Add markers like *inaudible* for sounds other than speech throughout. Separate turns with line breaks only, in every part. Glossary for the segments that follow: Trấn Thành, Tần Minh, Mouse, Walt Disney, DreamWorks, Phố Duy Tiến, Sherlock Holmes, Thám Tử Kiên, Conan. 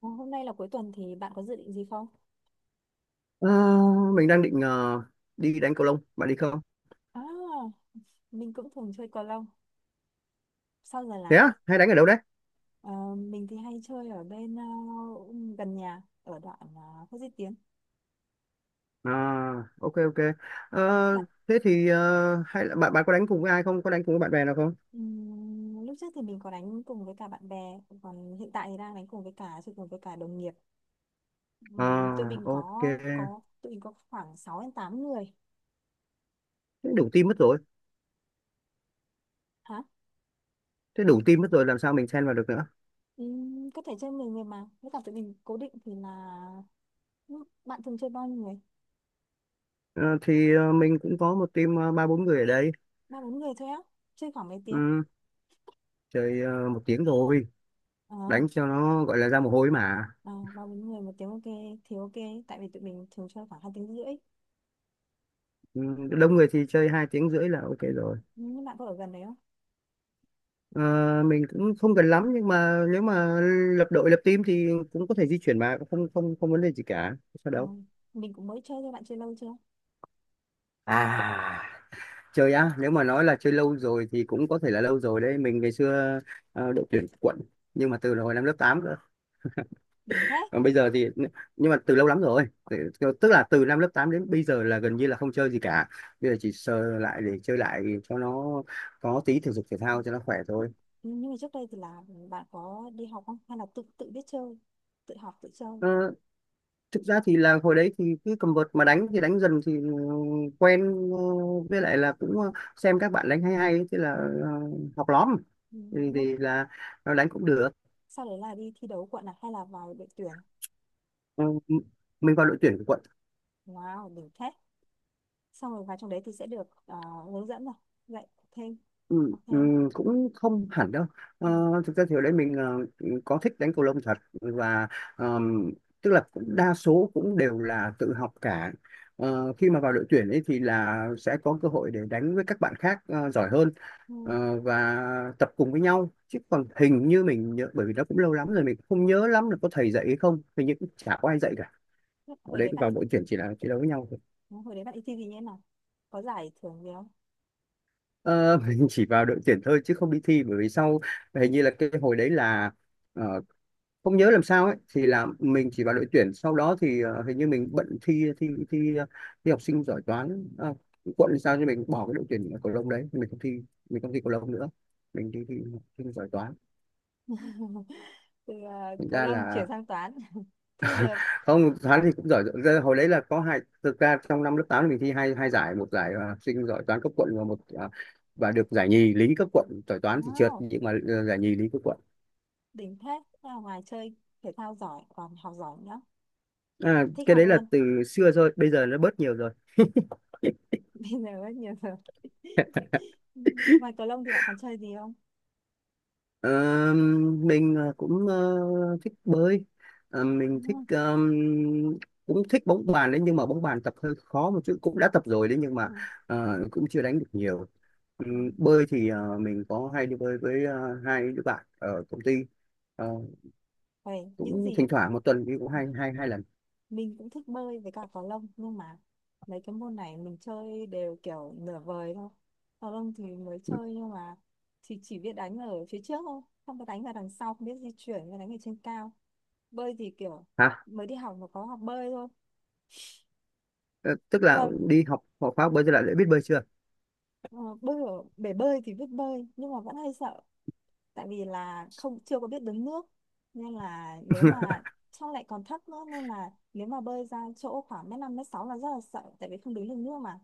Ờ, Hôm nay là cuối tuần thì bạn có dự định gì không?
Ờ, mình đang định đi đánh cầu lông, bạn đi không?
À, mình cũng thường chơi cầu lông. Sau giờ
Thế
là
á, hay đánh ở đâu đấy?
ờ, mình thì hay chơi ở bên gần nhà ở đoạn Phố Duy Tiến.
À, ok ok. Ờ,
Bạn
thế thì hay là bạn bạn có đánh cùng với ai không? Có đánh cùng với bạn bè nào không?
Lúc trước thì mình có đánh cùng với cả bạn bè, còn hiện tại thì đang đánh cùng với cả chơi cùng với cả đồng nghiệp. Ừm, tụi
À,
mình
ok.
có
Thế
có tụi mình có khoảng 6 đến 8 người.
đủ team mất rồi.
Hả?
Thế đủ team mất rồi làm sao mình xen vào được nữa?
Có thể chơi 10 người mà. Với cả tụi mình cố định thì là, bạn thường chơi bao nhiêu người?
Ờ, thì mình cũng có một team ba bốn người ở đây.
Ba bốn người thôi á. Chơi khoảng mấy tiếng?
Ừ, chơi 1 tiếng rồi,
Ờ.
đánh cho nó gọi là ra mồ hôi mà.
Ờ, ba bốn người một tiếng, ok thì ok, tại vì tụi mình thường chơi khoảng 2 tiếng rưỡi.
Ừ, đông người thì chơi 2 tiếng rưỡi là ok rồi.
Nhưng bạn có ở gần đấy không?
À, mình cũng không cần lắm nhưng mà nếu mà lập đội lập team thì cũng có thể di chuyển mà cũng không không không vấn đề gì cả sao
Ờ,
đâu.
mình cũng mới chơi thôi. Bạn chơi lâu chưa?
À, chơi á, nếu mà nói là chơi lâu rồi thì cũng có thể là lâu rồi đấy. Mình ngày xưa đội tuyển quận nhưng mà từ hồi năm lớp 8 cơ,
Đỉnh thế.
còn bây giờ thì nhưng mà từ lâu lắm rồi. Tức là từ năm lớp 8 đến bây giờ là gần như là không chơi gì cả. Bây giờ chỉ sờ lại để chơi lại cho nó có tí thể dục thể thao cho nó khỏe thôi.
Ừ, nhưng mà trước đây thì là bạn có đi học không, hay là tự tự biết chơi, tự học tự chơi?
Thực ra thì là hồi đấy thì cứ cầm vợt mà đánh thì đánh dần thì quen, ờ, với lại là cũng xem các bạn đánh hay hay, thế là ờ, học lóm,
Ừ,
thì,
nhưng
thì là nó đánh cũng được.
sau đấy là đi thi đấu quận à, hay là vào đội tuyển?
Ừ, mình vào đội tuyển của quận.
Wow, đỉnh thế. Xong rồi vào trong đấy thì sẽ được hướng dẫn rồi, dạy thêm
Ừ,
học
ừ,
thêm.
cũng không hẳn đâu. Ờ,
Ừ.
thực ra thì ở đây mình có thích đánh cầu lông thật và ờm, tức là cũng đa số cũng đều là tự học cả. Khi mà vào đội tuyển ấy thì là sẽ có cơ hội để đánh với các bạn khác giỏi hơn
Ừ.
và tập cùng với nhau. Chứ còn hình như mình nhớ, bởi vì nó cũng lâu lắm rồi, mình cũng không nhớ lắm là có thầy dạy hay không, hình như cũng chả có ai dạy cả. Ở
hồi
đấy
đấy bạn
vào
đi
đội tuyển chỉ là chiến đấu với nhau thôi.
hồi đấy bạn đi thi gì nhé nào? Có giải thưởng gì không?
Ờ, *laughs* mình chỉ vào đội tuyển thôi chứ không đi thi. Bởi vì sau, hình như là cái hồi đấy là ờ, không nhớ làm sao ấy, thì là mình chỉ vào đội tuyển, sau đó thì hình như mình bận thi thi thi ờ, thi học sinh giỏi toán à, quận, sao cho mình bỏ cái đội tuyển cầu lông đấy, mình không thi, mình không thi cầu lông nữa, mình đi thi học sinh giỏi toán.
Từ
Thành
có
ra
lâm chuyển
là
sang toán. Thế bây giờ.
không. Toán thì cũng giỏi giỏi. Ra hồi đấy là có hai, thực ra trong năm lớp 8 mình thi hai hai giải: một giải học sinh giỏi toán cấp quận và một và được giải nhì lý cấp quận. Giỏi toán thì trượt
Wow,
nhưng mà giải nhì lý cấp quận.
đỉnh thế. Thế là ngoài chơi thể thao giỏi, còn học giỏi nữa.
À,
Thích
cái
học
đấy là
luôn.
từ xưa rồi, bây giờ nó bớt nhiều rồi.
*laughs* Bây giờ rất nhiều rồi. *laughs* Ngoài cầu lông thì bạn còn chơi gì không?
Ờ, mình cũng thích bơi. Mình
Đúng
thích
không?
cũng thích bóng bàn đấy, nhưng mà bóng bàn tập hơi khó một chút, cũng đã tập rồi đấy nhưng
Ừ.
mà cũng chưa đánh được nhiều.
Ừ.
Bơi thì mình có hay đi bơi với hai đứa bạn ở công ty. Ờ,
Vậy những
cũng
gì
thỉnh thoảng 1 tuần đi cũng hai hai hai lần.
mình cũng thích bơi với cả cầu lông, nhưng mà mấy cái môn này mình chơi đều kiểu nửa vời thôi. Cầu lông thì mới chơi nhưng mà thì chỉ biết đánh ở phía trước thôi, không có đánh vào đằng sau, không biết di chuyển và đánh ở trên cao. Bơi thì kiểu
Hả?
mới đi học mà có học bơi thôi.
Ờ, tức là
Còn
đi học học khóa bơi, tức lại đã biết bơi chưa?
Ờ, bơi ở bể bơi thì biết bơi, nhưng mà vẫn hay sợ, tại vì là không chưa có biết đứng nước. Nên là nếu mà trong lại còn thấp nữa, nên là nếu mà bơi ra chỗ khoảng mét năm mét sáu là rất là sợ, tại vì không đứng được nước mà,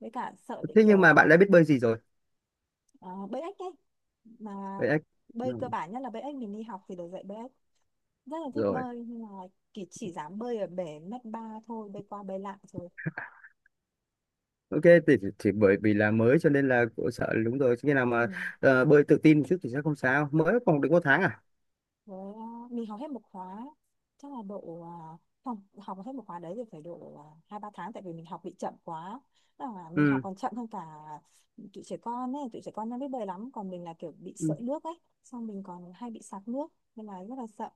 với cả sợ bị
Thế nhưng
kiểu
mà bạn đã biết bơi gì rồi
ờ, bơi ếch ấy mà.
vậy?
Bơi cơ
Ừ,
bản nhất là bơi ếch, mình đi học thì được dạy bơi ếch. Rất là thích
rồi.
bơi, nhưng mà chỉ dám bơi ở bể mét ba thôi, bơi qua bơi lại rồi.
Ok, thì bởi vì là mới cho nên là cũng sợ, đúng rồi, khi nào
Ừ.
mà bơi tự tin một chút thì sẽ không sao, mới còn được 1 tháng à?
Với mình học hết một khóa, chắc là độ không, học hết một khóa đấy thì phải độ hai ba tháng, tại vì mình học bị chậm quá. Tức là mình học
Ừ.
còn chậm hơn cả tụi trẻ con ấy, tụi trẻ con nó biết bơi lắm. Còn mình là kiểu bị
Ừ.
sợi nước ấy, xong mình còn hay bị sặc nước, nên là rất là sợ.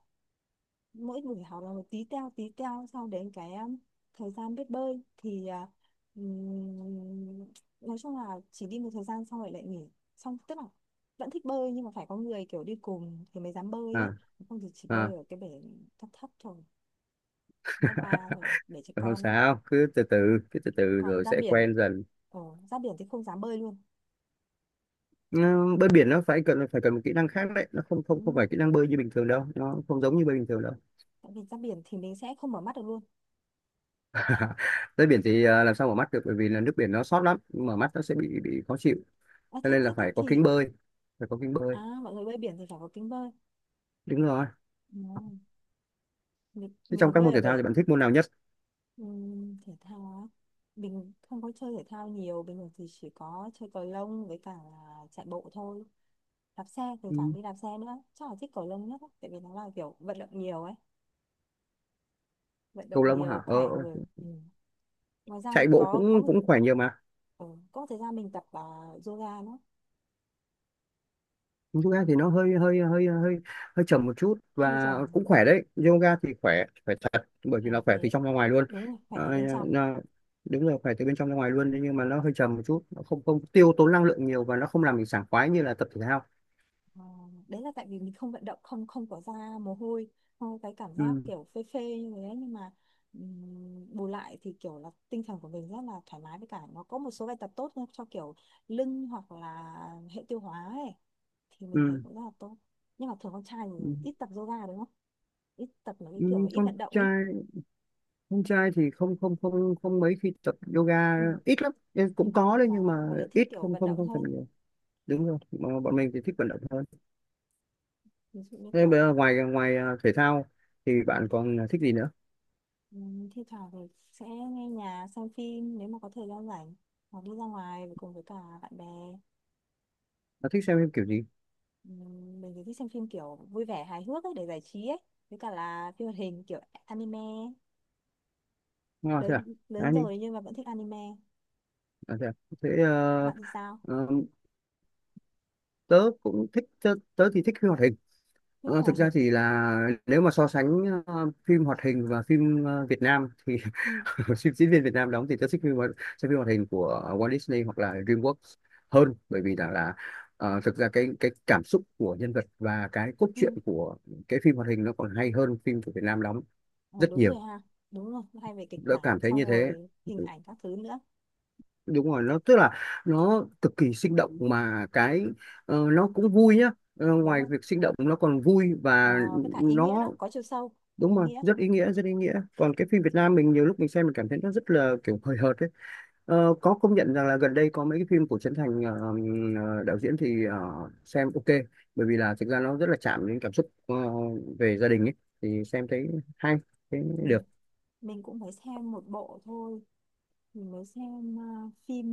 Mỗi buổi học là một tí teo tí teo, sau đến cái thời gian biết bơi thì ừm, nói chung là chỉ đi một thời gian xong rồi lại nghỉ. Xong tức là vẫn thích bơi, nhưng mà phải có người kiểu đi cùng thì mới dám bơi ấy,
À,
không thì chỉ bơi
à.
ở cái bể thấp thấp thôi. Ngã ba rồi để cho
*laughs* Không
con á.
sao, cứ từ từ, cứ từ từ
Còn
rồi
ra
sẽ
biển,
quen dần.
ờ, thì không dám bơi luôn.
Ừ, bơi biển nó phải cần một kỹ năng khác đấy, nó không không
Đúng
không
rồi,
phải kỹ năng bơi như bình thường đâu, nó không giống như bơi bình thường đâu.
tại vì ra biển thì mình sẽ không mở mắt được luôn.
*laughs* Bơi biển thì làm sao mở mắt được, bởi vì là nước biển nó sót lắm, mở mắt nó sẽ bị khó chịu,
À,
cho
thế,
nên
thế,
là
thế
phải có
thì
kính bơi, phải có kính bơi.
à, mọi người bơi biển thì phải có kính bơi.
Đúng rồi.
Ừ. mình,
Thế trong
mình
các
bơi
môn
ở
thể thao
bể.
thì bạn thích môn nào nhất?
Thể thao á, mình không có chơi thể thao nhiều. Bình thường thì chỉ có chơi cầu lông với cả là chạy bộ thôi, đạp xe, thỉnh
Ừ.
thoảng đi đạp xe nữa. Chắc là thích cầu lông nhất á, tại vì nó là kiểu vận động nhiều ấy, vận
Cầu
động
lông
nhiều
hả?
khỏe
Ờ.
người. Ừ. Ngoài ra
Chạy
thì
bộ cũng cũng khỏe nhiều mà.
ừ, có một thời gian mình tập yoga nữa.
Yoga thì nó hơi hơi hơi hơi hơi chậm một chút
Hơi
và
trầm.
cũng khỏe đấy. Yoga thì khỏe khỏe thật, bởi vì
Khỏe
là khỏe từ
về,
trong ra ngoài luôn.
đúng rồi, khỏe từ
Ờ,
bên trong.
nó- Đúng rồi, khỏe từ bên trong ra ngoài luôn. Thế nhưng mà nó hơi chậm một chút, nó không không tiêu tốn năng lượng nhiều và nó không làm mình sảng khoái như là tập thể thao.
Ờ, đấy là tại vì mình không vận động, không không có ra mồ hôi, không có cái cảm giác
Ừ,
kiểu phê phê như thế. Nhưng mà bù lại thì kiểu là tinh thần của mình rất là thoải mái, với cả nó có một số bài tập tốt nữa cho kiểu lưng hoặc là hệ tiêu hóa ấy, thì mình thấy
ừ,
cũng rất là tốt. Nhưng mà thường con trai
ừ.
thì ít tập yoga, đúng không? Ít tập mấy cái kiểu
Ừ,
ít
con
vận động ấy.
trai con trai thì không không không không mấy khi tập yoga.
Ừ.
Ít lắm. Ừ,
Ừ.
cũng có đấy
Mà
nhưng mà
mọi người thích
ít,
kiểu
không
vận
không
động
không tập
hơn.
nhiều. Đúng rồi, mà
Ừ.
bọn mình thì thích vận động hơn.
Ví dụ như
Thế bây
kiểu.
giờ ngoài ngoài à, thể thao thì
Ừ.
bạn còn thích gì nữa?
Ừ, thi thoảng thì sẽ nghe nhạc xem phim nếu mà có thời gian rảnh, hoặc đi ra ngoài với cùng với cả bạn bè.
Bạn thích xem phim kiểu gì?
Ừ, mình thì thích xem phim kiểu vui vẻ hài hước ấy, để giải trí ấy, với cả là phim hoạt hình kiểu anime.
À, thế
Lớn
à? À,
lớn
nhưng,
rồi nhưng mà vẫn thích anime.
à? Thế
Bạn thì sao?
ờ, tớ cũng thích, tớ thì thích phim hoạt hình.
Thích
Thực
hoạt
ra
hình.
thì là, nếu mà so sánh phim hoạt hình và phim Việt Nam thì
Ừ,
*laughs* phim diễn viên Việt Nam đóng thì tớ thích xem phim hoạt hình của Walt Disney hoặc là DreamWorks hơn, bởi vì rằng là thực ra cái cảm xúc của nhân vật và cái cốt truyện
ừ.
của cái phim hoạt hình nó còn hay hơn phim của Việt Nam đóng
Ờ,
rất
đúng
nhiều.
rồi ha. Đúng rồi, hay về kịch
Đã cảm
bản
thấy như
xong
thế.
rồi hình ảnh các thứ nữa,
Đúng rồi nó tức là nó cực kỳ sinh động mà cái, nó cũng vui nhá. Ờ,
đúng
ngoài
không?
việc sinh động nó còn vui và
Ờ, với cả ý nghĩa
nó,
đó có chiều sâu.
đúng
Ý
rồi,
nghĩa.
rất ý nghĩa, rất ý nghĩa. Còn cái phim Việt Nam, mình nhiều lúc mình xem mình cảm thấy nó rất là kiểu hời hợt ấy. Có công nhận rằng là gần đây có mấy cái phim của Trấn Thành, đạo diễn thì xem ok, bởi vì là thực ra nó rất là chạm đến cảm xúc về gia đình ấy, thì xem thấy hay, thấy
Ừ.
được.
Mình cũng mới xem một bộ thôi, mình mới xem phim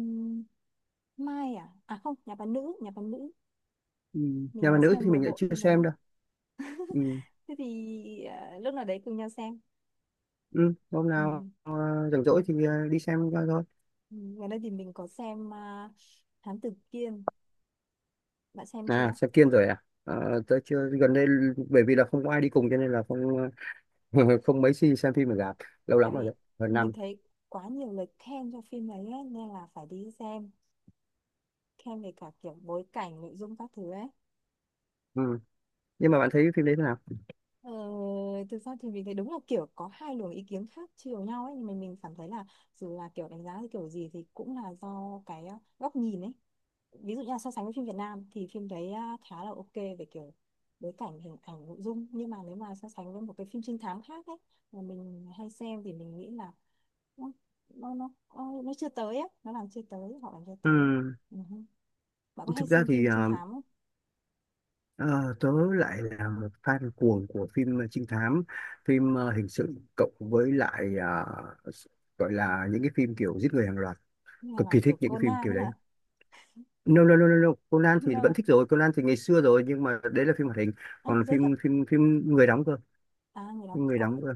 Mai à? À không, Nhà Bà Nữ, Nhà Bà Nữ.
Ừ.
Mình
Nhà bà
mới
nữ
xem
thì
một
mình lại
bộ
chưa
phim
xem
đấy.
đâu. Ừ.
Thế thì lúc nào đấy cùng nhau xem.
Ừ, hôm
Ừ.
nào rảnh rỗi thì đi xem coi thôi.
Ừ, gần đây thì mình có xem Thám Tử Kiên. Bạn xem
À,
chưa?
xem Kiên rồi à? Ờ, tớ chưa gần đây, bởi vì là không có ai đi cùng cho nên là không *laughs* không mấy khi xem phim ở rạp, lâu
Tại
lắm rồi
vì
đấy, gần
mình
năm.
thấy quá nhiều lời khen cho phim đấy ấy, nên là phải đi xem. Khen về cả kiểu bối cảnh, nội dung các thứ ấy.
Ừ. Nhưng mà bạn thấy phim đấy thế nào?
Ờ, thực ra thì mình thấy đúng là kiểu có hai luồng ý kiến khác chiều nhau ấy. Nhưng mà mình cảm thấy là dù là kiểu đánh giá thì kiểu gì thì cũng là do cái góc nhìn ấy. Ví dụ như là so sánh với phim Việt Nam thì phim đấy khá là ok về kiểu bối cảnh hình ảnh nội dung. Nhưng mà nếu mà so sánh với một cái phim trinh thám khác ấy mà mình hay xem thì mình nghĩ là nó nó nó, nó chưa tới ấy. Nó làm chưa tới Họ làm chưa
Ừ.
tới. Ừ hứ. Bạn có hay
Thực ra
xem
thì
phim trinh thám không,
ờ, tớ lại là một fan cuồng của phim trinh thám, phim hình sự, cộng với lại gọi là những cái phim kiểu giết người hàng loạt.
như
Cực
là
kỳ thích
kiểu
những cái phim
Conan
kiểu đấy.
hả?
No, no, no, no, no. Conan
*laughs*
thì vẫn
No.
thích rồi, Conan thì ngày xưa rồi nhưng mà đấy là phim hoạt hình, còn
Giới thiệu.
phim phim phim người đóng cơ,
Người đó
phim người
có
đóng cơ.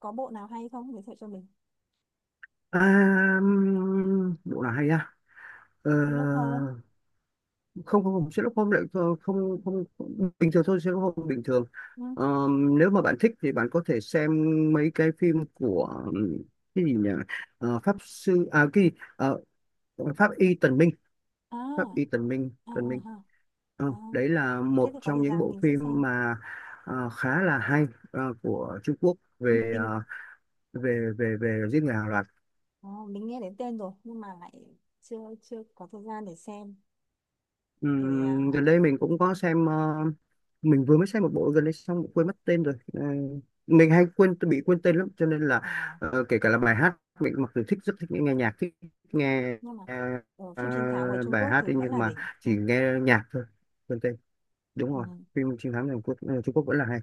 có bộ nào hay không, giới thiệu cho mình?
À, bộ nào hay á? Ờ,
Sherlock Holmes.
không không không, Sherlock Holmes lại không không không- bình thường thôi, Sherlock Holmes bình thường.
Ừ.
Ờ, nếu mà bạn thích thì bạn có thể xem mấy cái phim của cái gì nhỉ? Pháp sư à cái gì? Ờ, pháp y Tần Minh, pháp
À,
y Tần Minh,
à,
Tần Minh.
à, à.
Ờ,
À.
đấy là
Thế
một
thì có
trong
thời
những
gian
bộ
mình sẽ
phim
xem.
mà khá là hay, của Trung Quốc
Ừ.
về
Mình.
ờ, về về về giết người hàng loạt.
Ờ, mình nghe đến tên rồi nhưng mà lại chưa chưa có thời gian để xem. Để
Gần đây mình cũng có xem, mình vừa mới xem một bộ gần đây xong quên mất tên rồi. Ờ, mình hay quên, bị quên tên lắm, cho nên là
à,
kể cả là bài hát, mình mặc dù thích, rất thích nghe nhạc, thích nghe
nhưng mà
ờ, ờ,
phim trinh thám của Trung
bài
Quốc
hát
thì
ấy,
vẫn
nhưng
là
mà
đỉnh. Ờ,
chỉ nghe nhạc thôi, quên tên. Đúng rồi,
ừ,
phim chiến thắng Hàn Quốc, Trung Quốc vẫn là hay.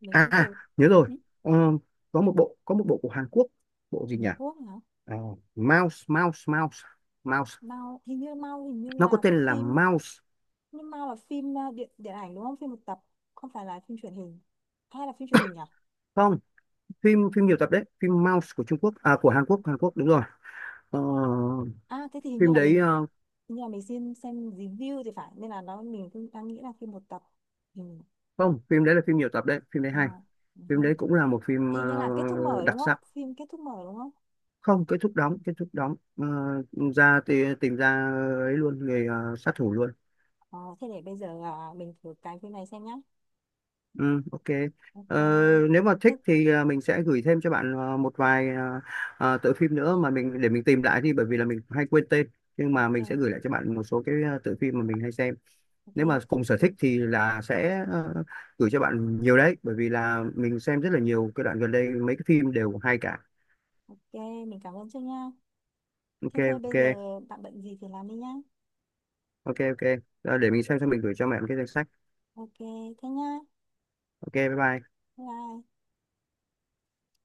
mình
À,
cũng
à,
từ.
nhớ rồi.
Ừ.
Ờ, có một bộ của Hàn Quốc, bộ gì
Hàn
nhỉ?
Quốc hả?
Ờ, Mouse, Mouse, Mouse, Mouse,
Mao hình như
nó có
là
tên là
phim.
Mouse.
Nhưng Mao là phim điện điện ảnh đúng không, phim một tập? Không phải là phim truyền hình, hay là phim truyền hình nhỉ?
Không, phim phim nhiều tập đấy, phim Mouse của Trung Quốc, à, của Hàn Quốc, Hàn Quốc đúng rồi. Ờ,
À thế thì
phim đấy
hình như là mình xin xem review thì phải, nên là nó mình cũng đang nghĩ là phim một tập. Ừ.
không, phim đấy là phim nhiều tập đấy, phim đấy
ờ,
hay.
ừ.
Phim
Ha.
đấy cũng là một phim
Hình như là kết thúc mở đúng
đặc
không,
sắc.
phim kết thúc mở đúng không?
Không, kết thúc đóng, kết thúc đóng. Ờ, ra thì tìm ra ấy luôn người sát thủ luôn.
Ờ, Thế để bây giờ mình thử cái phim này xem nhá.
Ừ, ok.
Ok.
Ờ, nếu mà
Thế
thích thì mình sẽ gửi thêm cho bạn một vài tựa phim nữa, mà mình để mình tìm lại đi bởi vì là mình hay quên tên, nhưng mà
ok,
mình sẽ gửi lại cho bạn một số cái tựa phim mà mình hay xem. Nếu mà
ok,
cùng sở thích thì là sẽ gửi cho bạn nhiều đấy, bởi vì là mình xem rất là nhiều cái đoạn gần đây mấy cái phim đều hay cả.
ok, mình cảm ơn trước nha.
Ok
Thế thôi
ok
bây giờ bạn bận gì thì làm đi nhá.
ok ok. Để mình xem xong mình gửi cho mẹ một cái danh sách.
Ok, thế nhá.
Ok, bye bye.
Bye. Bye.